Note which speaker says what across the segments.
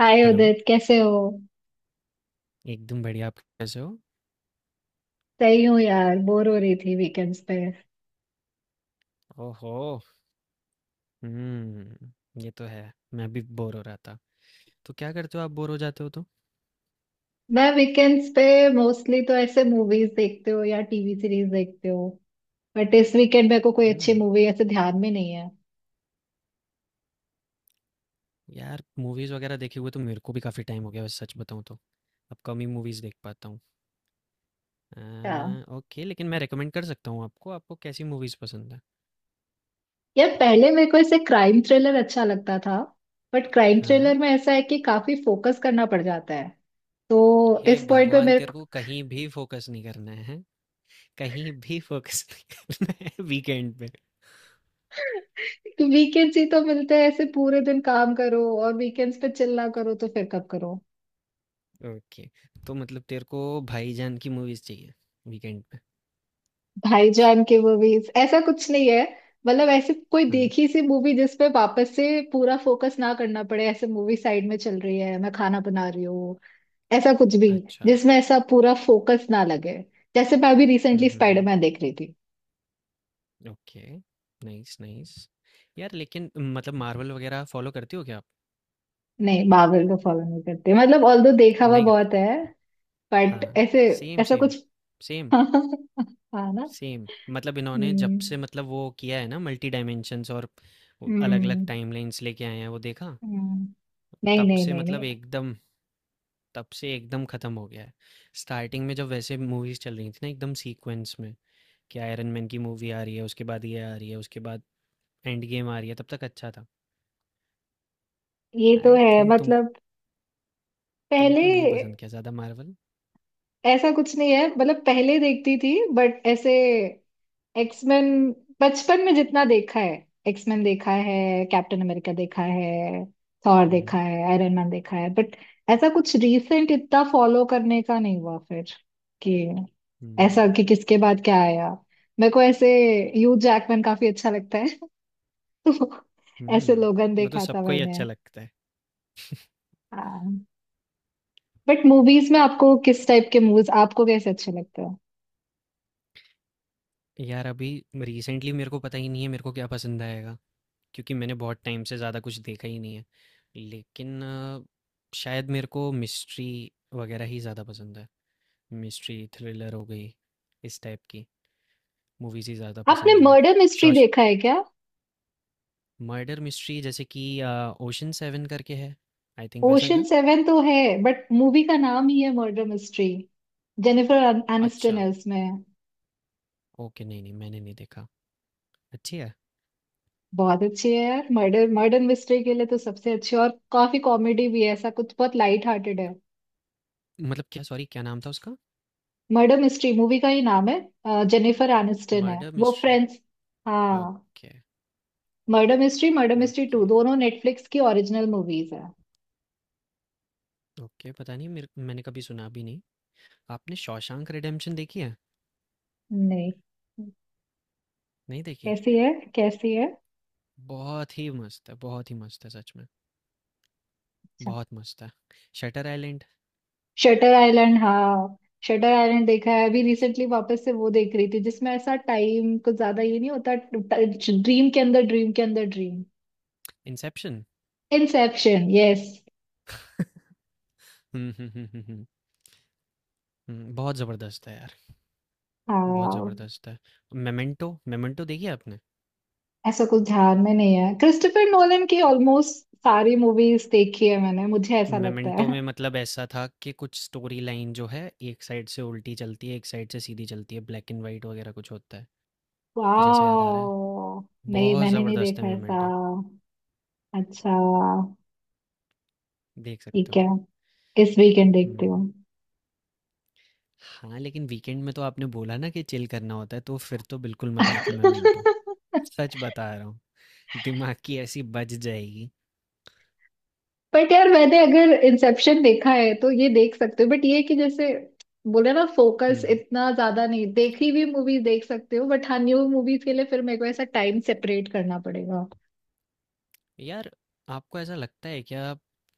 Speaker 1: हाय
Speaker 2: hello,
Speaker 1: Udit, कैसे हो।
Speaker 2: एकदम बढ़िया। आप कैसे हो?
Speaker 1: सही हूँ यार, बोर हो रही थी वीकेंड्स पे।
Speaker 2: ओहो! हुँ, ये तो है। मैं भी बोर हो रहा था। तो क्या करते हो आप बोर हो जाते हो तो?
Speaker 1: मैं वीकेंड्स पे मोस्टली तो ऐसे मूवीज देखते हो या टीवी सीरीज देखते हो। बट इस वीकेंड मेरे को कोई अच्छी
Speaker 2: हुँ,
Speaker 1: मूवी ऐसे ध्यान में नहीं है।
Speaker 2: यार मूवीज़ वगैरह देखे हुए तो मेरे को भी काफ़ी टाइम हो गया वैसे सच बताऊँ तो। अब कम ही मूवीज़ देख पाता हूँ। अ,
Speaker 1: हाँ।
Speaker 2: ओके लेकिन मैं रिकमेंड कर सकता हूँ आपको, आपको कैसी मूवीज़ पसंद है?
Speaker 1: यार पहले मेरे को ऐसे क्राइम थ्रिलर अच्छा लगता था, बट क्राइम
Speaker 2: हाँ?
Speaker 1: थ्रिलर में ऐसा है कि काफी फोकस करना पड़ जाता है। तो
Speaker 2: हे
Speaker 1: इस पॉइंट पे
Speaker 2: भगवान!
Speaker 1: मेरे
Speaker 2: तेरे
Speaker 1: को
Speaker 2: को कहीं भी फ़ोकस नहीं करना है, हैं? कहीं भी फ़ोकस नहीं करना है वीकेंड पे।
Speaker 1: वीकेंड्स ही तो मिलते हैं, ऐसे पूरे दिन काम करो और वीकेंड्स पे चिल्ला करो तो फिर कब करो।
Speaker 2: ओके, तो मतलब तेरे को भाईजान की मूवीज़ चाहिए वीकेंड पे?
Speaker 1: भाईजान के मूवीज ऐसा कुछ नहीं है। मतलब ऐसे कोई
Speaker 2: हाँ,
Speaker 1: देखी सी मूवी जिस पे वापस से पूरा फोकस ना करना पड़े, ऐसे मूवी साइड में चल रही है, मैं खाना बना रही हूँ, ऐसा कुछ भी
Speaker 2: अच्छा।
Speaker 1: जिसमें ऐसा पूरा फोकस ना लगे। जैसे मैं अभी
Speaker 2: हुँ,
Speaker 1: रिसेंटली
Speaker 2: हुँ, हुँ।
Speaker 1: स्पाइडरमैन देख रही थी।
Speaker 2: Okay, nice, nice. यार लेकिन मतलब मार्वल वगैरह फ़ॉलो करती हो क्या आप?
Speaker 1: नहीं, मार्वल को फॉलो नहीं करते, मतलब ऑल्दो देखा हुआ
Speaker 2: नहीं करते?
Speaker 1: बहुत है बट
Speaker 2: हाँ,
Speaker 1: ऐसे
Speaker 2: सेम,
Speaker 1: ऐसा
Speaker 2: सेम,
Speaker 1: कुछ।
Speaker 2: सेम,
Speaker 1: हाँ ना।
Speaker 2: सेम। मतलब इन्होंने जब से
Speaker 1: हम्म।
Speaker 2: मतलब वो किया है ना मल्टी डायमेंशंस और अलग-अलग
Speaker 1: हम्म।
Speaker 2: टाइमलाइन्स लेके आए हैं, वो देखा?
Speaker 1: हम्म। नहीं
Speaker 2: तब
Speaker 1: नहीं
Speaker 2: से
Speaker 1: नहीं
Speaker 2: मतलब
Speaker 1: नहीं।
Speaker 2: एकदम तब से एकदम ख़त्म हो गया है। स्टार्टिंग में जब वैसे मूवीज़ चल रही थी ना एकदम सीक्वेंस में, कि आयरन मैन की मूवी आ रही है, उसके बाद ये आ रही है, उसके बाद एंड गेम आ रही है, तब तक अच्छा था।
Speaker 1: ये तो
Speaker 2: आई
Speaker 1: है
Speaker 2: थिंक तुम
Speaker 1: मतलब पहले
Speaker 2: तुमको नहीं पसंद क्या ज़्यादा मार्वल?
Speaker 1: ऐसा कुछ नहीं है, मतलब पहले देखती थी बट ऐसे एक्समैन, बचपन में जितना देखा है एक्समैन देखा है, कैप्टन अमेरिका देखा है, थॉर
Speaker 2: हुँ,
Speaker 1: देखा है, आयरन मैन देखा है। बट ऐसा कुछ रीसेंट इतना फॉलो करने का नहीं हुआ फिर, कि
Speaker 2: हुँ,
Speaker 1: ऐसा कि किसके बाद क्या आया। मेरे को ऐसे ह्यू जैकमैन काफी अच्छा लगता है। तो ऐसे
Speaker 2: हुँ।
Speaker 1: लोगन
Speaker 2: वो तो
Speaker 1: देखा था
Speaker 2: सबको ही
Speaker 1: मैंने।
Speaker 2: अच्छा लगता है।
Speaker 1: बट मूवीज में आपको किस टाइप के मूवीज आपको कैसे अच्छे लगते हैं।
Speaker 2: यार अभी रिसेंटली मेरे को पता ही नहीं है मेरे को क्या पसंद आएगा, क्योंकि मैंने बहुत टाइम से ज़्यादा कुछ देखा ही नहीं है। लेकिन शायद मेरे को मिस्ट्री वगैरह ही ज़्यादा पसंद है। मिस्ट्री, थ्रिलर हो गई, इस टाइप की मूवीज़ ही ज़्यादा
Speaker 1: आपने
Speaker 2: पसंद हैं।
Speaker 1: मर्डर मिस्ट्री
Speaker 2: शॉश
Speaker 1: देखा है क्या।
Speaker 2: मर्डर मिस्ट्री जैसे कि ओशन 7 करके है, आई थिंक वैसा
Speaker 1: ओशन
Speaker 2: क्या?
Speaker 1: सेवन तो है, बट मूवी का नाम ही है मर्डर मिस्ट्री। जेनिफर एनिस्टन
Speaker 2: अच्छा,
Speaker 1: है उसमें।
Speaker 2: ओके नहीं, नहीं मैंने नहीं देखा। अच्छी है?
Speaker 1: बहुत अच्छी है यार, मर्डर मर्डर मिस्ट्री के लिए तो सबसे अच्छी, और काफी कॉमेडी भी है, ऐसा कुछ बहुत लाइट हार्टेड है।
Speaker 2: मतलब क्या, सॉरी, क्या नाम था उसका?
Speaker 1: मर्डर मिस्ट्री मूवी का ही नाम है। जेनिफर एनिस्टन है,
Speaker 2: मर्डर
Speaker 1: वो
Speaker 2: मिस्ट्री?
Speaker 1: फ्रेंड्स। हाँ।
Speaker 2: Okay,
Speaker 1: murder mystery, murder mystery two
Speaker 2: okay,
Speaker 1: दोनों नेटफ्लिक्स की ओरिजिनल मूवीज है।
Speaker 2: ओके, पता नहीं मेरे मैंने कभी सुना भी नहीं। आपने शॉशैंक रिडेम्पशन देखी है?
Speaker 1: नहीं।
Speaker 2: नहीं देखी?
Speaker 1: कैसी है, कैसी है। अच्छा।
Speaker 2: बहुत ही मस्त है, बहुत ही मस्त है सच में, बहुत मस्त है। शटर आइलैंड,
Speaker 1: शटर आइलैंड, हाँ। शटर आइलैंड देखा है, अभी रिसेंटली वापस से वो देख रही थी, जिसमें ऐसा टाइम कुछ ज्यादा ये नहीं होता। ड्रीम के अंदर ड्रीम के अंदर ड्रीम।
Speaker 2: इंसेप्शन?
Speaker 1: Inception, yes.
Speaker 2: हुँ, हुँ, हुँ, हुँ, हुँ, हुँ, बहुत ज़बरदस्त है यार, बहुत
Speaker 1: हाँ।
Speaker 2: ज़बरदस्त है। मेमेंटो, मेमेंटो देखी है आपने?
Speaker 1: ऐसा कुछ ध्यान में नहीं है, क्रिस्टोफर नोलन की ऑलमोस्ट सारी मूवीज देखी है मैंने, मुझे ऐसा लगता
Speaker 2: मेमेंटो में
Speaker 1: है।
Speaker 2: मतलब ऐसा था कि कुछ स्टोरी लाइन जो है, एक साइड से उल्टी चलती है, एक साइड से सीधी चलती है, ब्लैक एंड व्हाइट वगैरह कुछ होता है। कुछ ऐसा याद आ रहा है?
Speaker 1: वाह। नहीं,
Speaker 2: बहुत
Speaker 1: मैंने नहीं
Speaker 2: ज़बरदस्त है
Speaker 1: देखा ऐसा।
Speaker 2: मेमेंटो,
Speaker 1: अच्छा।
Speaker 2: देख सकते
Speaker 1: ठीक
Speaker 2: हो।
Speaker 1: है, इस वीकेंड देखती हूँ।
Speaker 2: हुँ। हाँ, लेकिन वीकेंड में तो आपने बोला ना कि चिल करना होता है, तो फिर तो बिल्कुल मत देखो मोमेंटो। सच बता रहा हूँ, दिमाग की ऐसी बज जाएगी।
Speaker 1: बट यार मैंने अगर इंसेप्शन देखा है तो ये देख सकते हो, बट ये है कि जैसे बोले ना फोकस
Speaker 2: हुँ, हुँ।
Speaker 1: इतना ज्यादा नहीं, देखी हुई मूवी देख सकते हो, बट हाँ, न्यू मूवीज के लिए फिर मेरे को ऐसा टाइम सेपरेट करना पड़ेगा।
Speaker 2: यार, आपको ऐसा लगता है क्या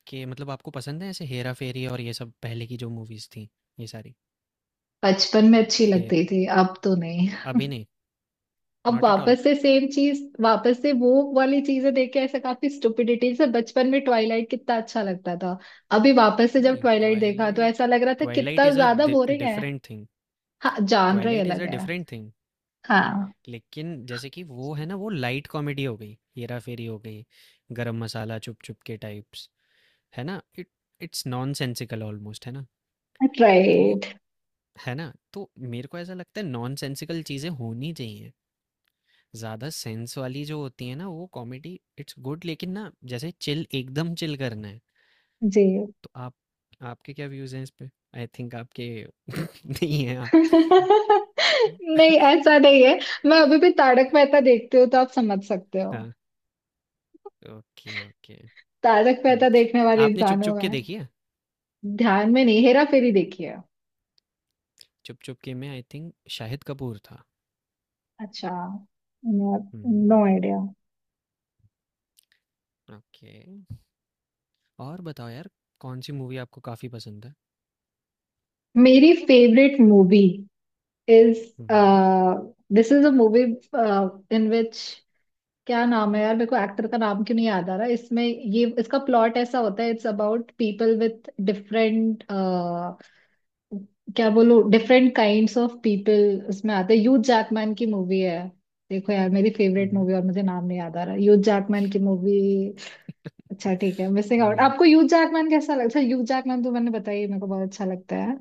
Speaker 2: कि मतलब आपको पसंद है ऐसे हेरा-फेरी और ये सब पहले की जो मूवीज़ थी, ये सारी?
Speaker 1: बचपन में अच्छी
Speaker 2: हेर
Speaker 1: लगती थी, अब तो नहीं।
Speaker 2: अभी नहीं,
Speaker 1: अब
Speaker 2: नॉट एट ऑल?
Speaker 1: वापस से सेम चीज, वापस से वो वाली चीजें देख के ऐसा काफी स्टुपिडिटी, जैसे बचपन में ट्वाइलाइट कितना अच्छा लगता था, अभी वापस से जब
Speaker 2: नहीं,
Speaker 1: ट्वाइलाइट देखा तो
Speaker 2: ट्वाइलाइट
Speaker 1: ऐसा लग रहा था
Speaker 2: ट्वाइलाइट
Speaker 1: कितना
Speaker 2: इज़ अ
Speaker 1: ज्यादा
Speaker 2: डि
Speaker 1: बोरिंग है।
Speaker 2: Different thing.
Speaker 1: हाँ जानर ही
Speaker 2: ट्वाइलाइट इज़
Speaker 1: अलग
Speaker 2: अ
Speaker 1: है।
Speaker 2: Different thing.
Speaker 1: हाँ।
Speaker 2: लेकिन जैसे कि वो है ना, वो लाइट कॉमेडी हो गई, हेरा-फेरी हो गई, गरम मसाला, चुप चुप के टाइप्स। है ना इट इट्स नॉनसेंसिकल ऑलमोस्ट है ना, तो
Speaker 1: राइट।
Speaker 2: है ना, तो मेरे को ऐसा लगता है नॉनसेंसिकल चीज़ें होनी चाहिए। ज़्यादा सेंस वाली जो होती है ना वो कॉमेडी, इट्स गुड, लेकिन ना जैसे चिल एकदम चिल करना है।
Speaker 1: जी।
Speaker 2: तो आप आपके क्या व्यूज़ हैं इस पे? आई थिंक आपके नहीं है आप।
Speaker 1: नहीं, ऐसा नहीं है। मैं अभी भी तारक मेहता देखती हूँ, तो आप समझ सकते हो।
Speaker 2: हाँ, ओके, ओके।
Speaker 1: तारक
Speaker 2: हम्म।
Speaker 1: मेहता देखने वाले
Speaker 2: आपने चुप
Speaker 1: इंसान हूँ
Speaker 2: चुप के
Speaker 1: मैं।
Speaker 2: देखी है?
Speaker 1: ध्यान में नहीं, हेरा फेरी देखी है।
Speaker 2: चुप चुप के में आई थिंक शाहिद कपूर था।
Speaker 1: अच्छा, नो
Speaker 2: हम्म।
Speaker 1: आइडिया।
Speaker 2: ओके। और बताओ यार, कौन सी मूवी आपको काफ़ी पसंद है?
Speaker 1: मेरी favourite movie is,
Speaker 2: hmm.
Speaker 1: This is a movie in which, क्या नाम है यार, मेरे को एक्टर का नाम क्यों नहीं याद आ रहा, इसमें ये इसका प्लॉट ऐसा होता है, it's about people with different, क्या बोलो, डिफरेंट काइंड्स ऑफ पीपल उसमें आते हैं, ह्यूज जैकमैन की मूवी है। देखो यार, मेरी
Speaker 2: हुँ,
Speaker 1: फेवरेट
Speaker 2: हुँ।
Speaker 1: मूवी और मुझे नाम नहीं याद आ रहा, ह्यूज जैकमैन की मूवी। अच्छा, ठीक है, मिसिंग आउट।
Speaker 2: हुँ।
Speaker 1: आपको ह्यूज जैकमैन कैसा लगता है। ह्यूज जैकमैन तो मैंने बताया ही, मेरे को बहुत अच्छा लगता है।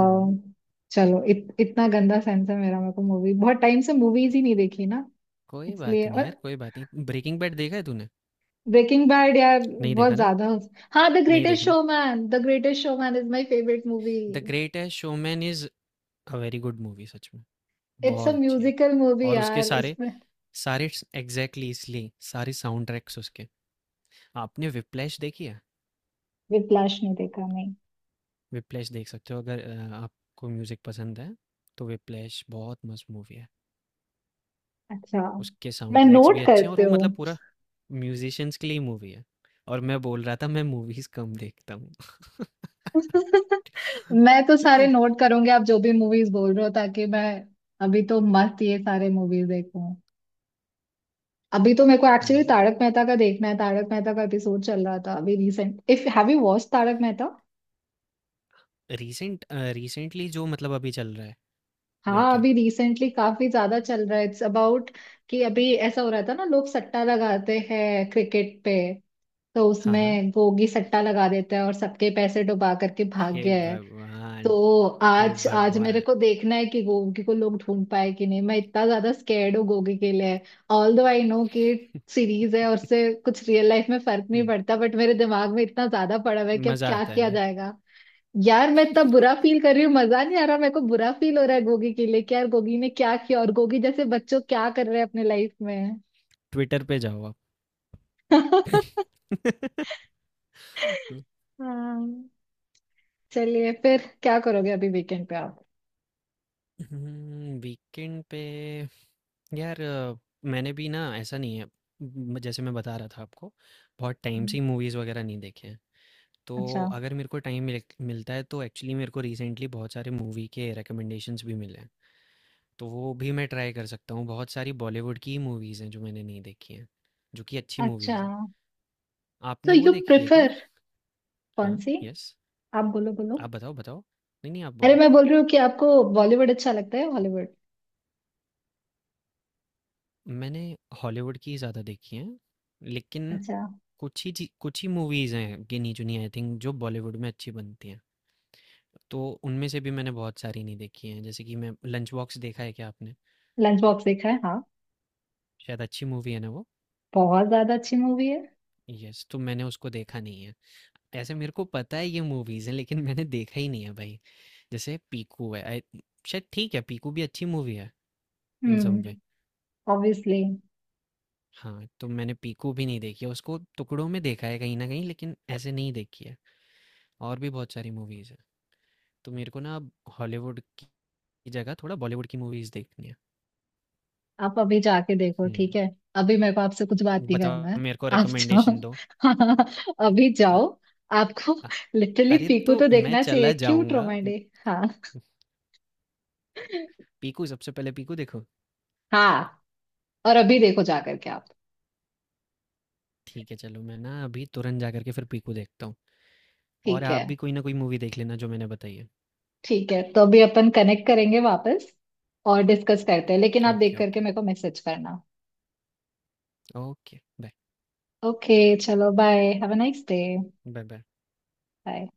Speaker 2: हुँ, हुँ।
Speaker 1: चलो, इतना गंदा सेंस है मेरा, मेरे को मूवी बहुत टाइम से मूवीज ही नहीं देखी ना,
Speaker 2: कोई बात
Speaker 1: इसलिए।
Speaker 2: नहीं
Speaker 1: और
Speaker 2: यार, कोई बात नहीं। ब्रेकिंग बैड देखा है तूने?
Speaker 1: ब्रेकिंग बैड, यार
Speaker 2: नहीं
Speaker 1: बहुत
Speaker 2: देखा ना?
Speaker 1: ज्यादा। हाँ, द
Speaker 2: नहीं
Speaker 1: ग्रेटेस्ट
Speaker 2: देखना।
Speaker 1: Showman, the greatest showman is my favourite movie.
Speaker 2: The greatest showman is a very good movie सच में,
Speaker 1: इट्स अ
Speaker 2: बहुत अच्छी है।
Speaker 1: म्यूजिकल मूवी
Speaker 2: और उसके
Speaker 1: यार।
Speaker 2: सारे सारे स एग्ज़ैक्टली इसलिए सारे साउंड ट्रैक्स उसके। आपने व्हिप्लैश देखी है?
Speaker 1: विप्लाश नहीं देखा, नहीं।
Speaker 2: व्हिप्लैश देख सकते हो अगर आपको म्यूज़िक पसंद है, तो व्हिप्लैश बहुत मस्त मूवी है।
Speaker 1: अच्छा,
Speaker 2: उसके साउंड
Speaker 1: मैं
Speaker 2: ट्रैक्स
Speaker 1: नोट
Speaker 2: भी अच्छे हैं, और
Speaker 1: करते
Speaker 2: वो
Speaker 1: हूँ।
Speaker 2: मतलब पूरा म्यूज़िशियंस के लिए ही मूवी है। और मैं बोल रहा था मैं मूवीज़ कम देखता हूँ।
Speaker 1: मैं तो सारे नोट करूंगी, आप जो भी मूवीज बोल रहे हो, ताकि मैं अभी तो मस्त ये सारे मूवीज देखूं। अभी तो मेरे को एक्चुअली तारक मेहता का देखना है, तारक मेहता का एपिसोड चल रहा था अभी recent, if have you watch Tarak Mehta.
Speaker 2: Recent recently जो मतलब अभी चल रहा है, या
Speaker 1: हाँ,
Speaker 2: क्या?
Speaker 1: अभी रिसेंटली काफी ज्यादा चल रहा है। इट्स अबाउट कि अभी ऐसा हो रहा था ना, लोग सट्टा लगाते हैं क्रिकेट पे, तो
Speaker 2: हाँ, हाँ।
Speaker 1: उसमें गोगी सट्टा लगा देता है और सबके पैसे डुबा करके भाग
Speaker 2: हे
Speaker 1: गया है।
Speaker 2: भगवान!
Speaker 1: तो
Speaker 2: हे
Speaker 1: आज, आज मेरे
Speaker 2: भगवान!
Speaker 1: को देखना है कि गोगी को लोग ढूंढ पाए कि नहीं, मैं इतना ज्यादा स्कैर्ड हूँ गोगी के लिए। ऑल दो आई नो कि सीरीज है और उससे कुछ रियल लाइफ में फर्क नहीं
Speaker 2: हम्म,
Speaker 1: पड़ता, बट मेरे दिमाग में इतना ज्यादा पड़ा हुआ है कि अब
Speaker 2: मजा
Speaker 1: क्या
Speaker 2: आता है
Speaker 1: किया
Speaker 2: ना?
Speaker 1: जाएगा। यार मैं इतना बुरा फील कर रही हूँ, मजा नहीं आ रहा, मेरे को बुरा फील हो रहा है गोगी के लिए, कि यार गोगी ने क्या किया, और गोगी जैसे बच्चों क्या कर रहे हैं अपने लाइफ में।
Speaker 2: ट्विटर पे जाओ आप।
Speaker 1: हाँ। चलिए, फिर क्या करोगे अभी वीकेंड पे आप।
Speaker 2: वीकेंड पे यार, मैंने भी ना, ऐसा नहीं है। जैसे मैं बता रहा था आपको, बहुत टाइम से
Speaker 1: हम्म।
Speaker 2: ही मूवीज़ वगैरह नहीं देखे हैं। तो
Speaker 1: अच्छा।
Speaker 2: अगर मेरे को टाइम मिलता है, तो एक्चुअली मेरे को रिसेंटली बहुत सारे मूवी के रिकमेंडेशंस भी मिले हैं, तो वो भी मैं ट्राई कर सकता हूँ। बहुत सारी बॉलीवुड की मूवीज़ हैं जो मैंने नहीं देखी हैं, जो कि अच्छी
Speaker 1: अच्छा।
Speaker 2: मूवीज़ हैं।
Speaker 1: सो
Speaker 2: आपने वो
Speaker 1: यू
Speaker 2: देखी है क्या?
Speaker 1: प्रेफर,
Speaker 2: हाँ,
Speaker 1: कौन सी।
Speaker 2: यस।
Speaker 1: आप बोलो बोलो।
Speaker 2: आप बताओ, बताओ। नहीं, नहीं, आप
Speaker 1: अरे
Speaker 2: बोलो।
Speaker 1: मैं बोल रही हूँ कि आपको बॉलीवुड अच्छा लगता है, हॉलीवुड।
Speaker 2: मैंने हॉलीवुड की ज़्यादा देखी हैं, लेकिन
Speaker 1: अच्छा।
Speaker 2: कुछ ही मूवीज़ हैं गिनी चुनी, आई थिंक, जो बॉलीवुड में अच्छी बनती हैं। तो उनमें से भी मैंने बहुत सारी नहीं देखी हैं, जैसे कि मैं लंच बॉक्स देखा है क्या आपने?
Speaker 1: लंच बॉक्स देखा है, हाँ।
Speaker 2: शायद अच्छी मूवी है ना वो?
Speaker 1: बहुत ज्यादा अच्छी मूवी है।
Speaker 2: यस, तो मैंने उसको देखा नहीं है। ऐसे मेरे को पता है ये मूवीज़ हैं लेकिन मैंने देखा ही नहीं है भाई। जैसे पीकू है, आई शायद ठीक है, पीकू भी अच्छी मूवी है in some
Speaker 1: hmm,
Speaker 2: way.
Speaker 1: Obviously.
Speaker 2: हाँ, तो मैंने पीकू भी नहीं देखी है, उसको टुकड़ों में देखा है कहीं न कहीं, लेकिन ऐसे नहीं देखी है। और भी बहुत सारी मूवीज़ हैं। तो मेरे को ना अब हॉलीवुड की जगह थोड़ा बॉलीवुड की मूवीज़ देखनी है।
Speaker 1: आप अभी जाके देखो,
Speaker 2: हुँ,
Speaker 1: ठीक है। अभी मेरे को आपसे कुछ बात नहीं करना
Speaker 2: बताओ
Speaker 1: है।
Speaker 2: मेरे को
Speaker 1: आप
Speaker 2: रिकमेंडेशन दो।
Speaker 1: जाओ। अभी
Speaker 2: अ,
Speaker 1: जाओ। आपको
Speaker 2: अ,
Speaker 1: लिटरली
Speaker 2: अरे
Speaker 1: पीकू
Speaker 2: तो
Speaker 1: तो
Speaker 2: मैं
Speaker 1: देखना चाहिए,
Speaker 2: चला
Speaker 1: क्यूट
Speaker 2: जाऊँगा।
Speaker 1: रोमांडी। हाँ।
Speaker 2: पीकू, सबसे पहले पीकू देखो?
Speaker 1: हाँ, और अभी देखो जा करके आप।
Speaker 2: ठीक है, चलो मैं ना अभी तुरंत जा कर के फिर पीकू देखता हूँ। और
Speaker 1: ठीक
Speaker 2: आप
Speaker 1: है।
Speaker 2: भी कोई ना कोई मूवी देख लेना जो मैंने बताई है।
Speaker 1: ठीक है, तो अभी अपन कनेक्ट करेंगे वापस, और डिस्कस करते हैं, लेकिन आप
Speaker 2: ओके,
Speaker 1: देख करके
Speaker 2: ओके,
Speaker 1: मेरे को मैसेज करना।
Speaker 2: Okay, bye,
Speaker 1: okay. चलो bye, have a nice day.
Speaker 2: Bye, bye.
Speaker 1: Bye.